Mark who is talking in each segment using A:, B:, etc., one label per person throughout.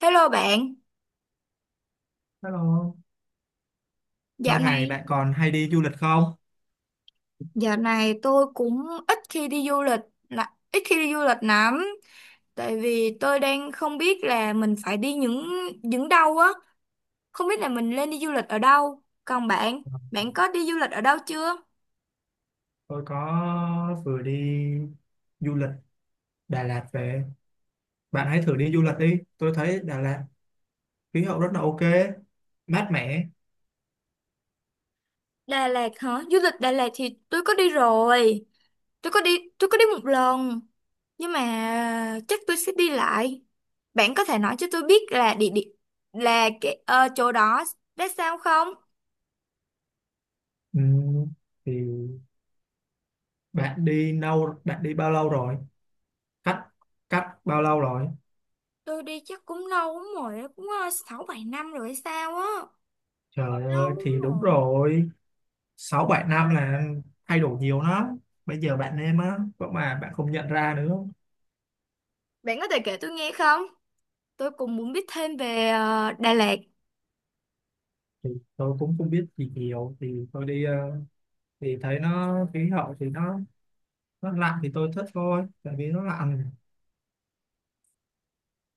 A: Hello bạn.
B: Hello,
A: dạo
B: lâu ngày
A: này
B: bạn còn hay đi du lịch không?
A: dạo này tôi cũng ít khi đi du lịch, là ít khi đi du lịch lắm, tại vì tôi đang không biết là mình phải đi những đâu á, không biết là mình nên đi du lịch ở đâu. Còn bạn, bạn có đi du lịch ở đâu chưa?
B: Tôi có vừa đi du lịch Đà Lạt về. Bạn hãy thử đi du lịch đi. Tôi thấy Đà Lạt khí hậu rất là ok, mát mẻ.
A: Đà Lạt hả? Du lịch Đà Lạt thì tôi có đi rồi, tôi có đi một lần, nhưng mà chắc tôi sẽ đi lại. Bạn có thể nói cho tôi biết là địa điểm, là cái chỗ đó đã sao không?
B: Ừm, thì bạn đi bao lâu rồi? Cách cách bao lâu rồi?
A: Tôi đi chắc cũng lâu lắm rồi á, cũng 6-7 năm rồi hay sao á,
B: Trời ơi,
A: lâu lắm
B: thì đúng
A: rồi.
B: rồi, sáu bảy năm là thay đổi nhiều lắm. Bây giờ bạn em á có mà bạn không nhận ra nữa.
A: Bạn có thể kể tôi nghe không? Tôi cũng muốn biết thêm về Đà Lạt.
B: Thì tôi cũng không biết gì nhiều. Thì tôi đi, thì thấy nó khí hậu, thì nó lạnh thì tôi thích thôi, tại vì nó lạnh.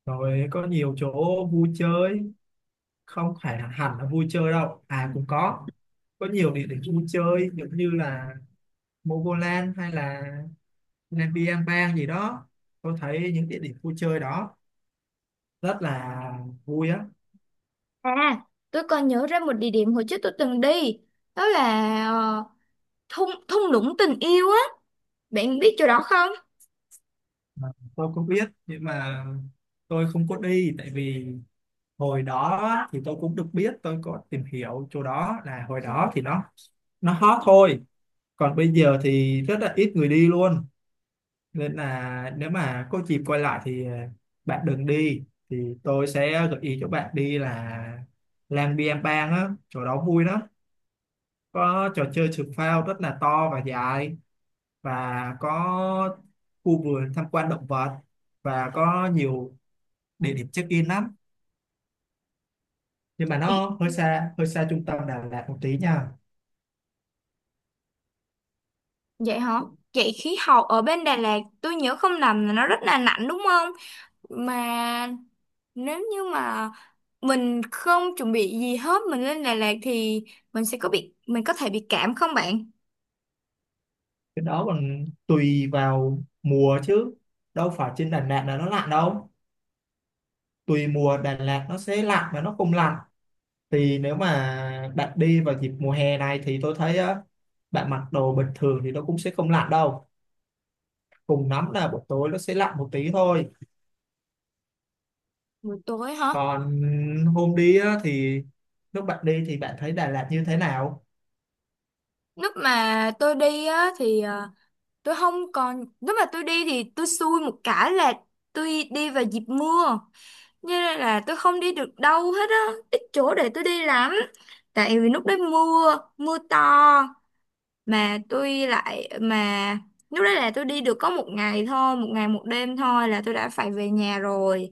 B: Rồi có nhiều chỗ vui chơi. Không phải là hẳn là vui chơi đâu à, cũng có nhiều địa điểm vui chơi, giống như là Mogoland hay là nên đi bang gì đó. Tôi thấy những địa điểm vui chơi đó rất là vui á.
A: à tôi còn nhớ ra một địa điểm hồi trước tôi từng đi, đó là thung thung lũng tình yêu á. Bạn biết chỗ đó không?
B: Mà tôi cũng biết nhưng mà tôi không có đi, tại vì hồi đó thì tôi cũng được biết, tôi có tìm hiểu chỗ đó là hồi đó thì nó hot thôi. Còn bây giờ thì rất là ít người đi luôn, nên là nếu mà có dịp quay lại thì bạn đừng đi. Thì tôi sẽ gợi ý cho bạn đi là Lang Biang Bang á, chỗ đó vui lắm, có trò chơi trượt phao rất là to và dài, và có khu vườn tham quan động vật, và có nhiều địa điểm check in lắm. Nhưng mà nó hơi xa, hơi xa trung tâm Đà Lạt một tí nha.
A: Vậy hả? Vậy khí hậu ở bên Đà Lạt tôi nhớ không lầm là nó rất là lạnh đúng không? Mà nếu như mà mình không chuẩn bị gì hết mình lên Đà Lạt thì mình có thể bị cảm không bạn?
B: Cái đó còn tùy vào mùa chứ, đâu phải trên Đà Lạt là nó lạnh đâu. Tùy mùa, Đà Lạt nó sẽ lạnh và nó không lạnh. Thì nếu mà bạn đi vào dịp mùa hè này thì tôi thấy á, bạn mặc đồ bình thường thì nó cũng sẽ không lạnh đâu. Cùng lắm là buổi tối nó sẽ lạnh một tí thôi.
A: Buổi tối hả?
B: Còn hôm đi á, thì lúc bạn đi thì bạn thấy Đà Lạt như thế nào?
A: Lúc mà tôi đi á thì tôi không còn lúc mà tôi đi thì tôi xui một cái là tôi đi vào dịp mưa, cho nên là tôi không đi được đâu hết á, ít chỗ để tôi đi lắm, tại vì lúc đấy mưa mưa to, mà tôi lại mà lúc đấy là tôi đi được có một ngày thôi, một ngày một đêm thôi là tôi đã phải về nhà rồi.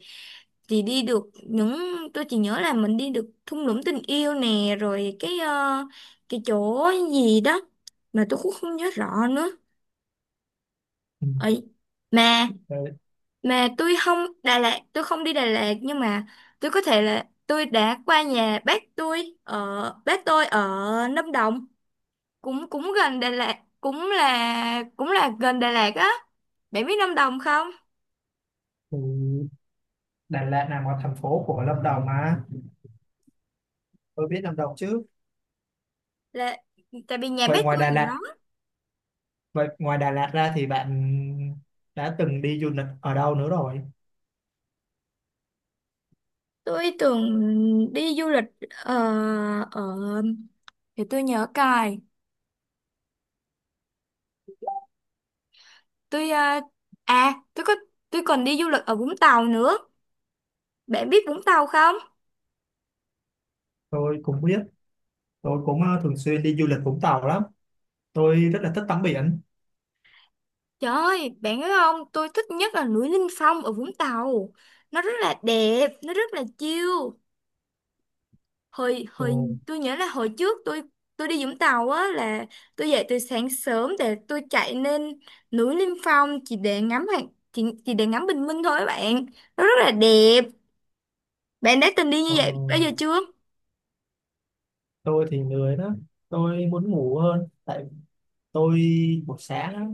A: Thì đi được những Tôi chỉ nhớ là mình đi được thung lũng tình yêu nè, rồi cái cái chỗ gì đó mà tôi cũng không nhớ rõ nữa
B: Ừ.
A: ấy. mà
B: Đấy,
A: mà tôi không đi Đà Lạt, nhưng mà tôi có thể là tôi đã qua nhà bác tôi ở Lâm Đồng, cũng cũng gần Đà Lạt, cũng là gần Đà Lạt á. Bạn biết Lâm Đồng không?
B: thì Đà Lạt nằm ở thành phố của Lâm Đồng mà, tôi biết Lâm Đồng chứ.
A: Là tại vì nhà
B: vậy
A: bác
B: ngoài
A: tôi
B: Đà
A: ở
B: Lạt
A: đó.
B: Vậy ngoài Đà Lạt ra thì bạn đã từng đi du lịch ở đâu nữa rồi?
A: Tôi tưởng đi du lịch ờ, ở thì tôi nhớ cài tôi ờ, à tôi có tôi còn đi du lịch ở Vũng Tàu nữa. Bạn biết Vũng Tàu không?
B: Tôi cũng biết. Tôi cũng thường xuyên đi du lịch Vũng Tàu lắm. Tôi rất là thích tắm biển.
A: Trời ơi, bạn biết không, tôi thích nhất là núi Linh Phong ở Vũng Tàu. Nó rất là đẹp, nó rất là chill. Hồi
B: Ừ.
A: hồi Tôi nhớ là hồi trước tôi đi Vũng Tàu á, là tôi dậy từ sáng sớm để tôi chạy lên núi Liêm Phong chỉ để ngắm bình minh thôi các bạn, nó rất là đẹp. Bạn đã từng đi như
B: ờ, ờ.
A: vậy bao giờ chưa?
B: Tôi thì lười đó, tôi muốn ngủ hơn. Tại tôi buổi sáng á,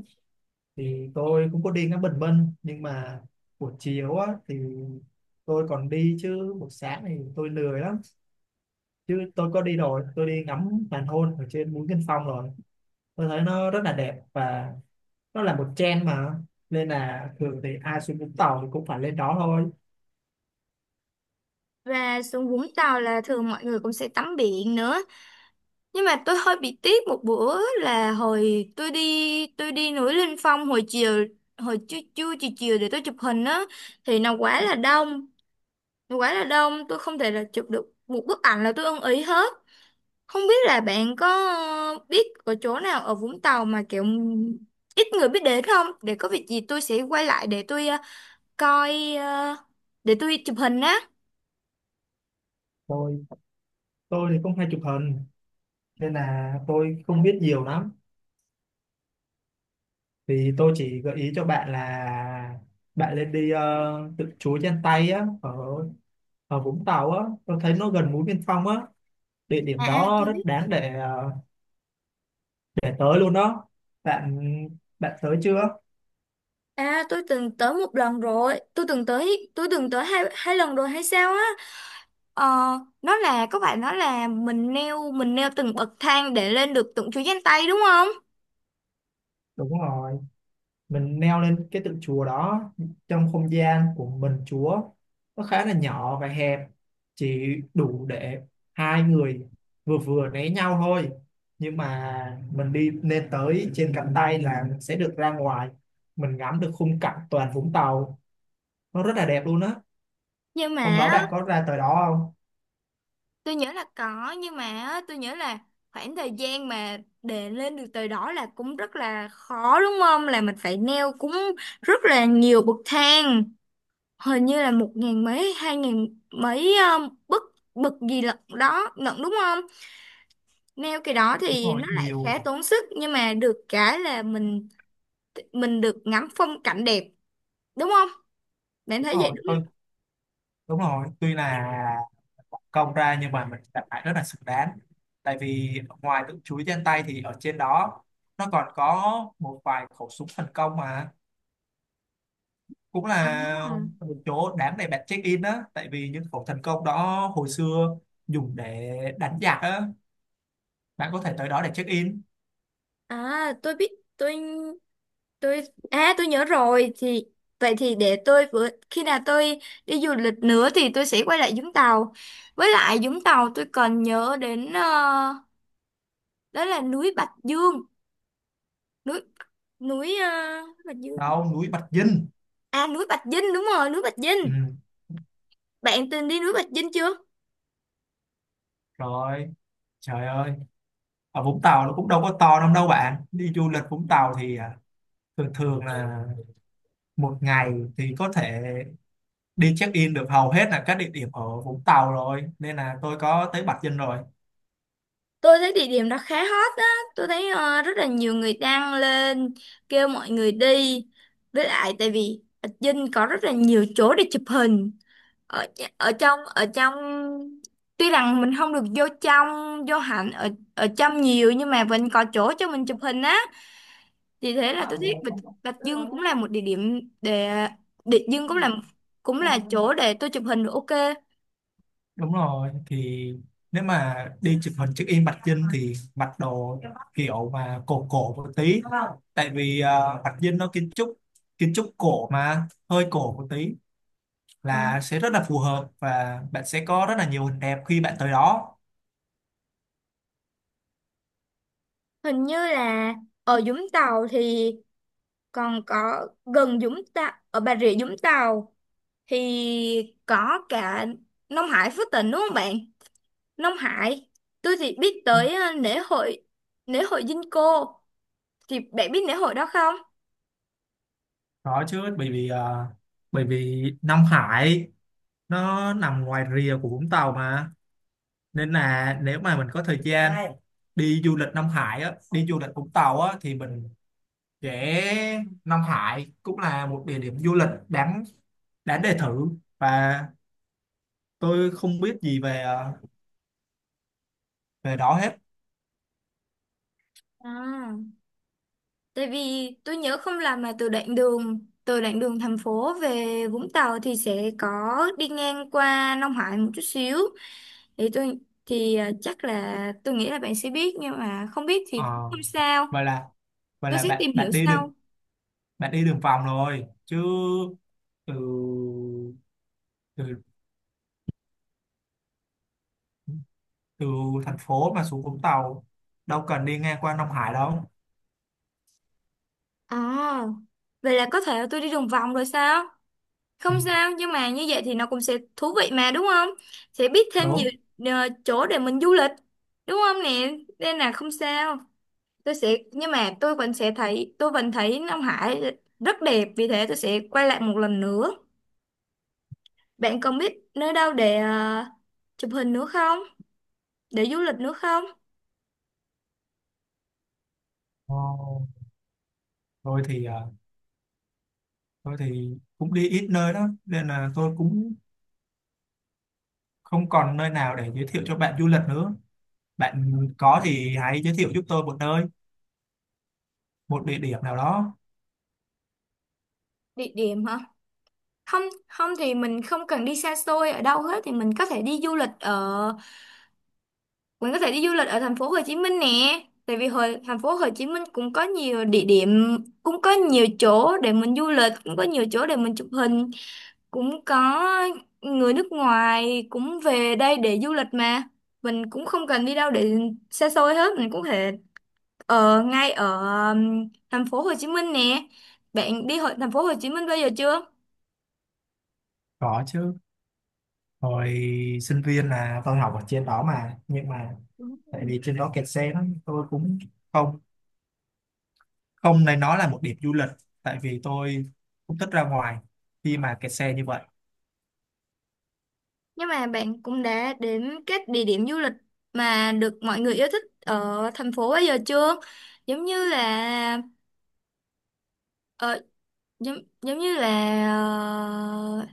B: thì tôi cũng có đi ngắm bình minh, nhưng mà buổi chiều á thì tôi còn đi, chứ buổi sáng thì tôi lười lắm. Chứ tôi có đi rồi, tôi đi ngắm hoàng hôn ở trên mũi Kinh Phong rồi. Tôi thấy nó rất là đẹp, và nó là một trend mà, nên là thường thì ai xuống Vũng Tàu thì cũng phải lên đó thôi.
A: Và xuống Vũng Tàu là thường mọi người cũng sẽ tắm biển nữa, nhưng mà tôi hơi bị tiếc một bữa là hồi tôi đi núi linh Phong hồi trưa trưa chiều chiều để tôi chụp hình á, thì nó quá là đông, quá là đông, tôi không thể là chụp được một bức ảnh là tôi ưng ý hết. Không biết là bạn có biết ở chỗ nào ở Vũng Tàu mà kiểu ít người biết đến không, để có việc gì tôi sẽ quay lại để tôi coi ờ, để tôi chụp hình á.
B: Tôi tôi thì cũng hay chụp hình, nên là tôi không biết nhiều lắm. Thì tôi chỉ gợi ý cho bạn là bạn lên đi, tự chuối trên tay á, ở ở Vũng Tàu á, tôi thấy nó gần mũi Biên Phong á. Địa điểm đó
A: Tôi
B: rất
A: biết.
B: đáng để tới luôn đó. Bạn bạn tới chưa?
A: Tôi từng tới một lần rồi, tôi từng tới hai hai lần rồi hay sao á. ờ, nó là các bạn nói là mình neo từng bậc thang để lên được từng chuỗi danh tay đúng không?
B: Đúng rồi, mình leo lên cái tượng chùa đó, trong không gian của mình chúa nó khá là nhỏ và hẹp, chỉ đủ để hai người vừa vừa né nhau thôi. Nhưng mà mình đi lên tới trên cánh tay là mình sẽ được ra ngoài, mình ngắm được khung cảnh toàn Vũng Tàu, nó rất là đẹp luôn á.
A: Nhưng
B: Hôm
A: mà
B: đó bạn có ra tới đó không?
A: tôi nhớ là có, nhưng mà á, tôi nhớ là khoảng thời gian mà để lên được tới đó là cũng rất là khó đúng không? Là mình phải leo cũng rất là nhiều bậc thang, hình như là 1 ngàn mấy, 2 ngàn mấy, bậc, gì lận đó lận đúng không? Neo cái đó
B: Đúng
A: thì
B: rồi,
A: nó lại
B: nhiều.
A: khá tốn sức, nhưng mà được cái là mình được ngắm phong cảnh đẹp đúng không? Bạn
B: Đúng
A: thấy vậy đúng
B: rồi,
A: không?
B: đúng rồi, tuy là công ra nhưng mà mình cảm thấy rất là xứng đáng. Tại vì ngoài tự chuối trên tay thì ở trên đó nó còn có một vài khẩu súng thần công, mà cũng
A: À,
B: là một chỗ đáng để bạn check in á, tại vì những khẩu thần công đó hồi xưa dùng để đánh giặc á. Bạn có thể tới đó để check in.
A: à, tôi biết tôi tôi à tôi nhớ rồi. Thì vậy thì để tôi, vừa khi nào tôi đi du lịch nữa thì tôi sẽ quay lại Vũng Tàu. Với lại Vũng Tàu tôi còn nhớ đến đó là núi Bạch Dương, núi núi ờ, Bạch Dương.
B: Đâu, núi Bạch Dinh.
A: Núi Bạch Dinh, đúng rồi, núi Bạch
B: Ừ,
A: Dinh. Bạn từng đi núi Bạch Dinh chưa?
B: rồi, trời ơi, ở Vũng Tàu nó cũng đâu có to lắm đâu, bạn đi du lịch Vũng Tàu thì thường thường là một ngày thì có thể đi check in được hầu hết là các địa điểm ở Vũng Tàu rồi, nên là tôi có tới Bạch Dinh rồi.
A: Tôi thấy địa điểm đó khá hot á, tôi thấy rất là nhiều người đăng lên kêu mọi người đi. Với lại tại vì ở Vinh có rất là nhiều chỗ để chụp hình. Ở ở trong Tuy rằng mình không được vô trong, vô hẳn ở ở trong nhiều, nhưng mà vẫn có chỗ cho mình chụp hình á. Vì thế là
B: À,
A: tôi thấy Bạch Dương cũng là một địa điểm để, Bạch Dương cũng là chỗ để tôi chụp hình được ok.
B: đúng rồi, thì nếu mà đi chụp hình check in Bạch Dinh thì mặc đồ kiểu mà cổ cổ một tí, tại vì Bạch Dinh nó kiến trúc cổ mà hơi cổ một tí
A: Ừ.
B: là sẽ rất là phù hợp, và bạn sẽ có rất là nhiều hình đẹp khi bạn tới đó.
A: Hình như là ở Vũng Tàu thì còn có, gần Vũng Tàu ở Bà Rịa Vũng Tàu thì có cả Nông Hải Phước Tỉnh đúng không bạn? Nông Hải tôi thì biết tới lễ hội Vinco, thì bạn biết lễ hội đó không?
B: Đó chứ, bởi vì bởi vì Nam Hải nó nằm ngoài rìa của Vũng Tàu mà, nên là nếu mà mình có thời gian đi du lịch Nam Hải á, đi du lịch Vũng Tàu á thì mình sẽ. Nam Hải cũng là một địa điểm du lịch đáng đáng để thử. Và tôi không biết gì về, về đó hết.
A: à, Tại vì tôi nhớ không làm mà, từ đoạn đường thành phố về Vũng Tàu thì sẽ có đi ngang qua Nông Hải một chút xíu, thì tôi, thì chắc là tôi nghĩ là bạn sẽ biết, nhưng mà không biết
B: Ờ,
A: thì không sao,
B: vậy là vậy
A: tôi
B: là
A: sẽ
B: bạn
A: tìm hiểu sau.
B: bạn đi đường vòng rồi chứ? Từ từ từ thành phố mà xuống Vũng Tàu, đâu cần đi ngang qua Nam Hải đâu.
A: À, vậy là có thể tôi đi đường vòng rồi sao?
B: Ừ.
A: Không sao, nhưng mà như vậy thì nó cũng sẽ thú vị mà đúng không? Sẽ biết thêm
B: Đúng.
A: nhiều chỗ để mình du lịch, đúng không nè? Nên là không sao. Tôi sẽ Nhưng mà tôi vẫn thấy Nam Hải rất đẹp, vì thế tôi sẽ quay lại một lần nữa. Bạn còn biết nơi đâu để chụp hình nữa không? Để du lịch nữa không?
B: Ờ, Rồi thì, tôi thì cũng đi ít nơi đó, nên là tôi cũng không còn nơi nào để giới thiệu cho bạn du lịch nữa. Bạn có thì hãy giới thiệu giúp tôi một nơi, một địa điểm nào đó.
A: Địa điểm hả? Không, không thì mình không cần đi xa xôi ở đâu hết, thì mình có thể đi du lịch ở thành phố Hồ Chí Minh nè. Tại vì hồi thành phố Hồ Chí Minh cũng có nhiều địa điểm, cũng có nhiều chỗ để mình du lịch, cũng có nhiều chỗ để mình chụp hình, cũng có người nước ngoài cũng về đây để du lịch mà. Mình cũng không cần đi đâu để xa xôi hết, mình cũng có thể ở ngay ở thành phố Hồ Chí Minh nè. Bạn đi hội thành phố Hồ Chí Minh bao giờ chưa?
B: Có chứ. Hồi sinh viên là tôi học ở trên đó mà, nhưng mà
A: Đúng.
B: tại vì trên đó kẹt xe lắm, tôi cũng không không nên nói là một điểm du lịch, tại vì tôi cũng thích ra ngoài khi mà kẹt xe như vậy.
A: Nhưng mà bạn cũng đã đến các địa điểm du lịch mà được mọi người yêu thích ở thành phố bây giờ chưa? Giống như là ờ, giống, giống như là ờ,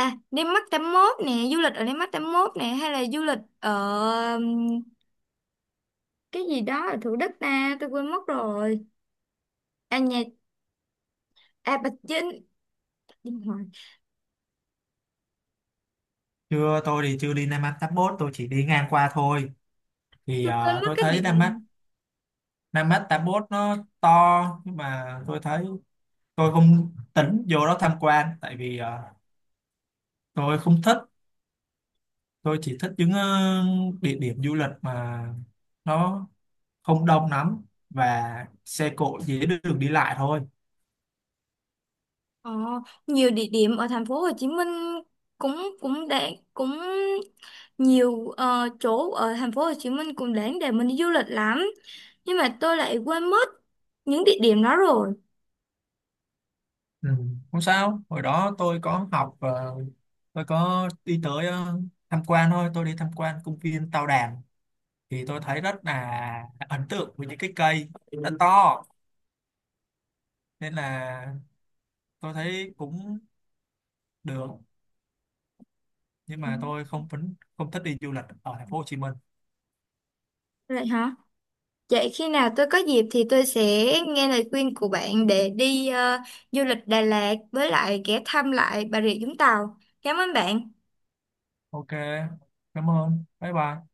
A: Landmark 81 nè, du lịch ở Landmark 81 nè, hay là du lịch ở ừm, cái gì đó ở Thủ Đức ta, tôi quên mất rồi. À nhà à Bạch Dinh, điên rồi.
B: Chưa, tôi thì chưa đi Nam An Tháp Bốt, tôi chỉ đi ngang qua thôi. Thì
A: Tôi quên mất
B: tôi
A: cái địa
B: thấy Nam
A: điểm.
B: Nam Mách 81 nó to, nhưng mà tôi thấy tôi không tính vô đó tham quan, tại vì tôi không thích. Tôi chỉ thích những, địa điểm du lịch mà nó không đông lắm, và xe cộ dễ đường đi lại thôi.
A: Ờ, nhiều địa điểm ở thành phố Hồ Chí Minh cũng cũng, để cũng nhiều chỗ ở thành phố Hồ Chí Minh cũng đáng để mình đi du lịch lắm, nhưng mà tôi lại quên mất những địa điểm đó rồi.
B: Ừ. Không sao, hồi đó tôi có học, tôi có đi tới, tham quan thôi, tôi đi tham quan công viên Tao Đàn. Thì tôi thấy rất là ấn tượng với những cái cây nó to, nên là tôi thấy cũng được, nhưng
A: Ừ.
B: mà tôi không thích đi du lịch ở thành phố Hồ Chí Minh.
A: Vậy hả? Vậy khi nào tôi có dịp thì tôi sẽ nghe lời khuyên của bạn để đi du lịch Đà Lạt với lại ghé thăm lại Bà Rịa Vũng Tàu. Cảm ơn bạn.
B: Ok, cảm ơn, bye bye.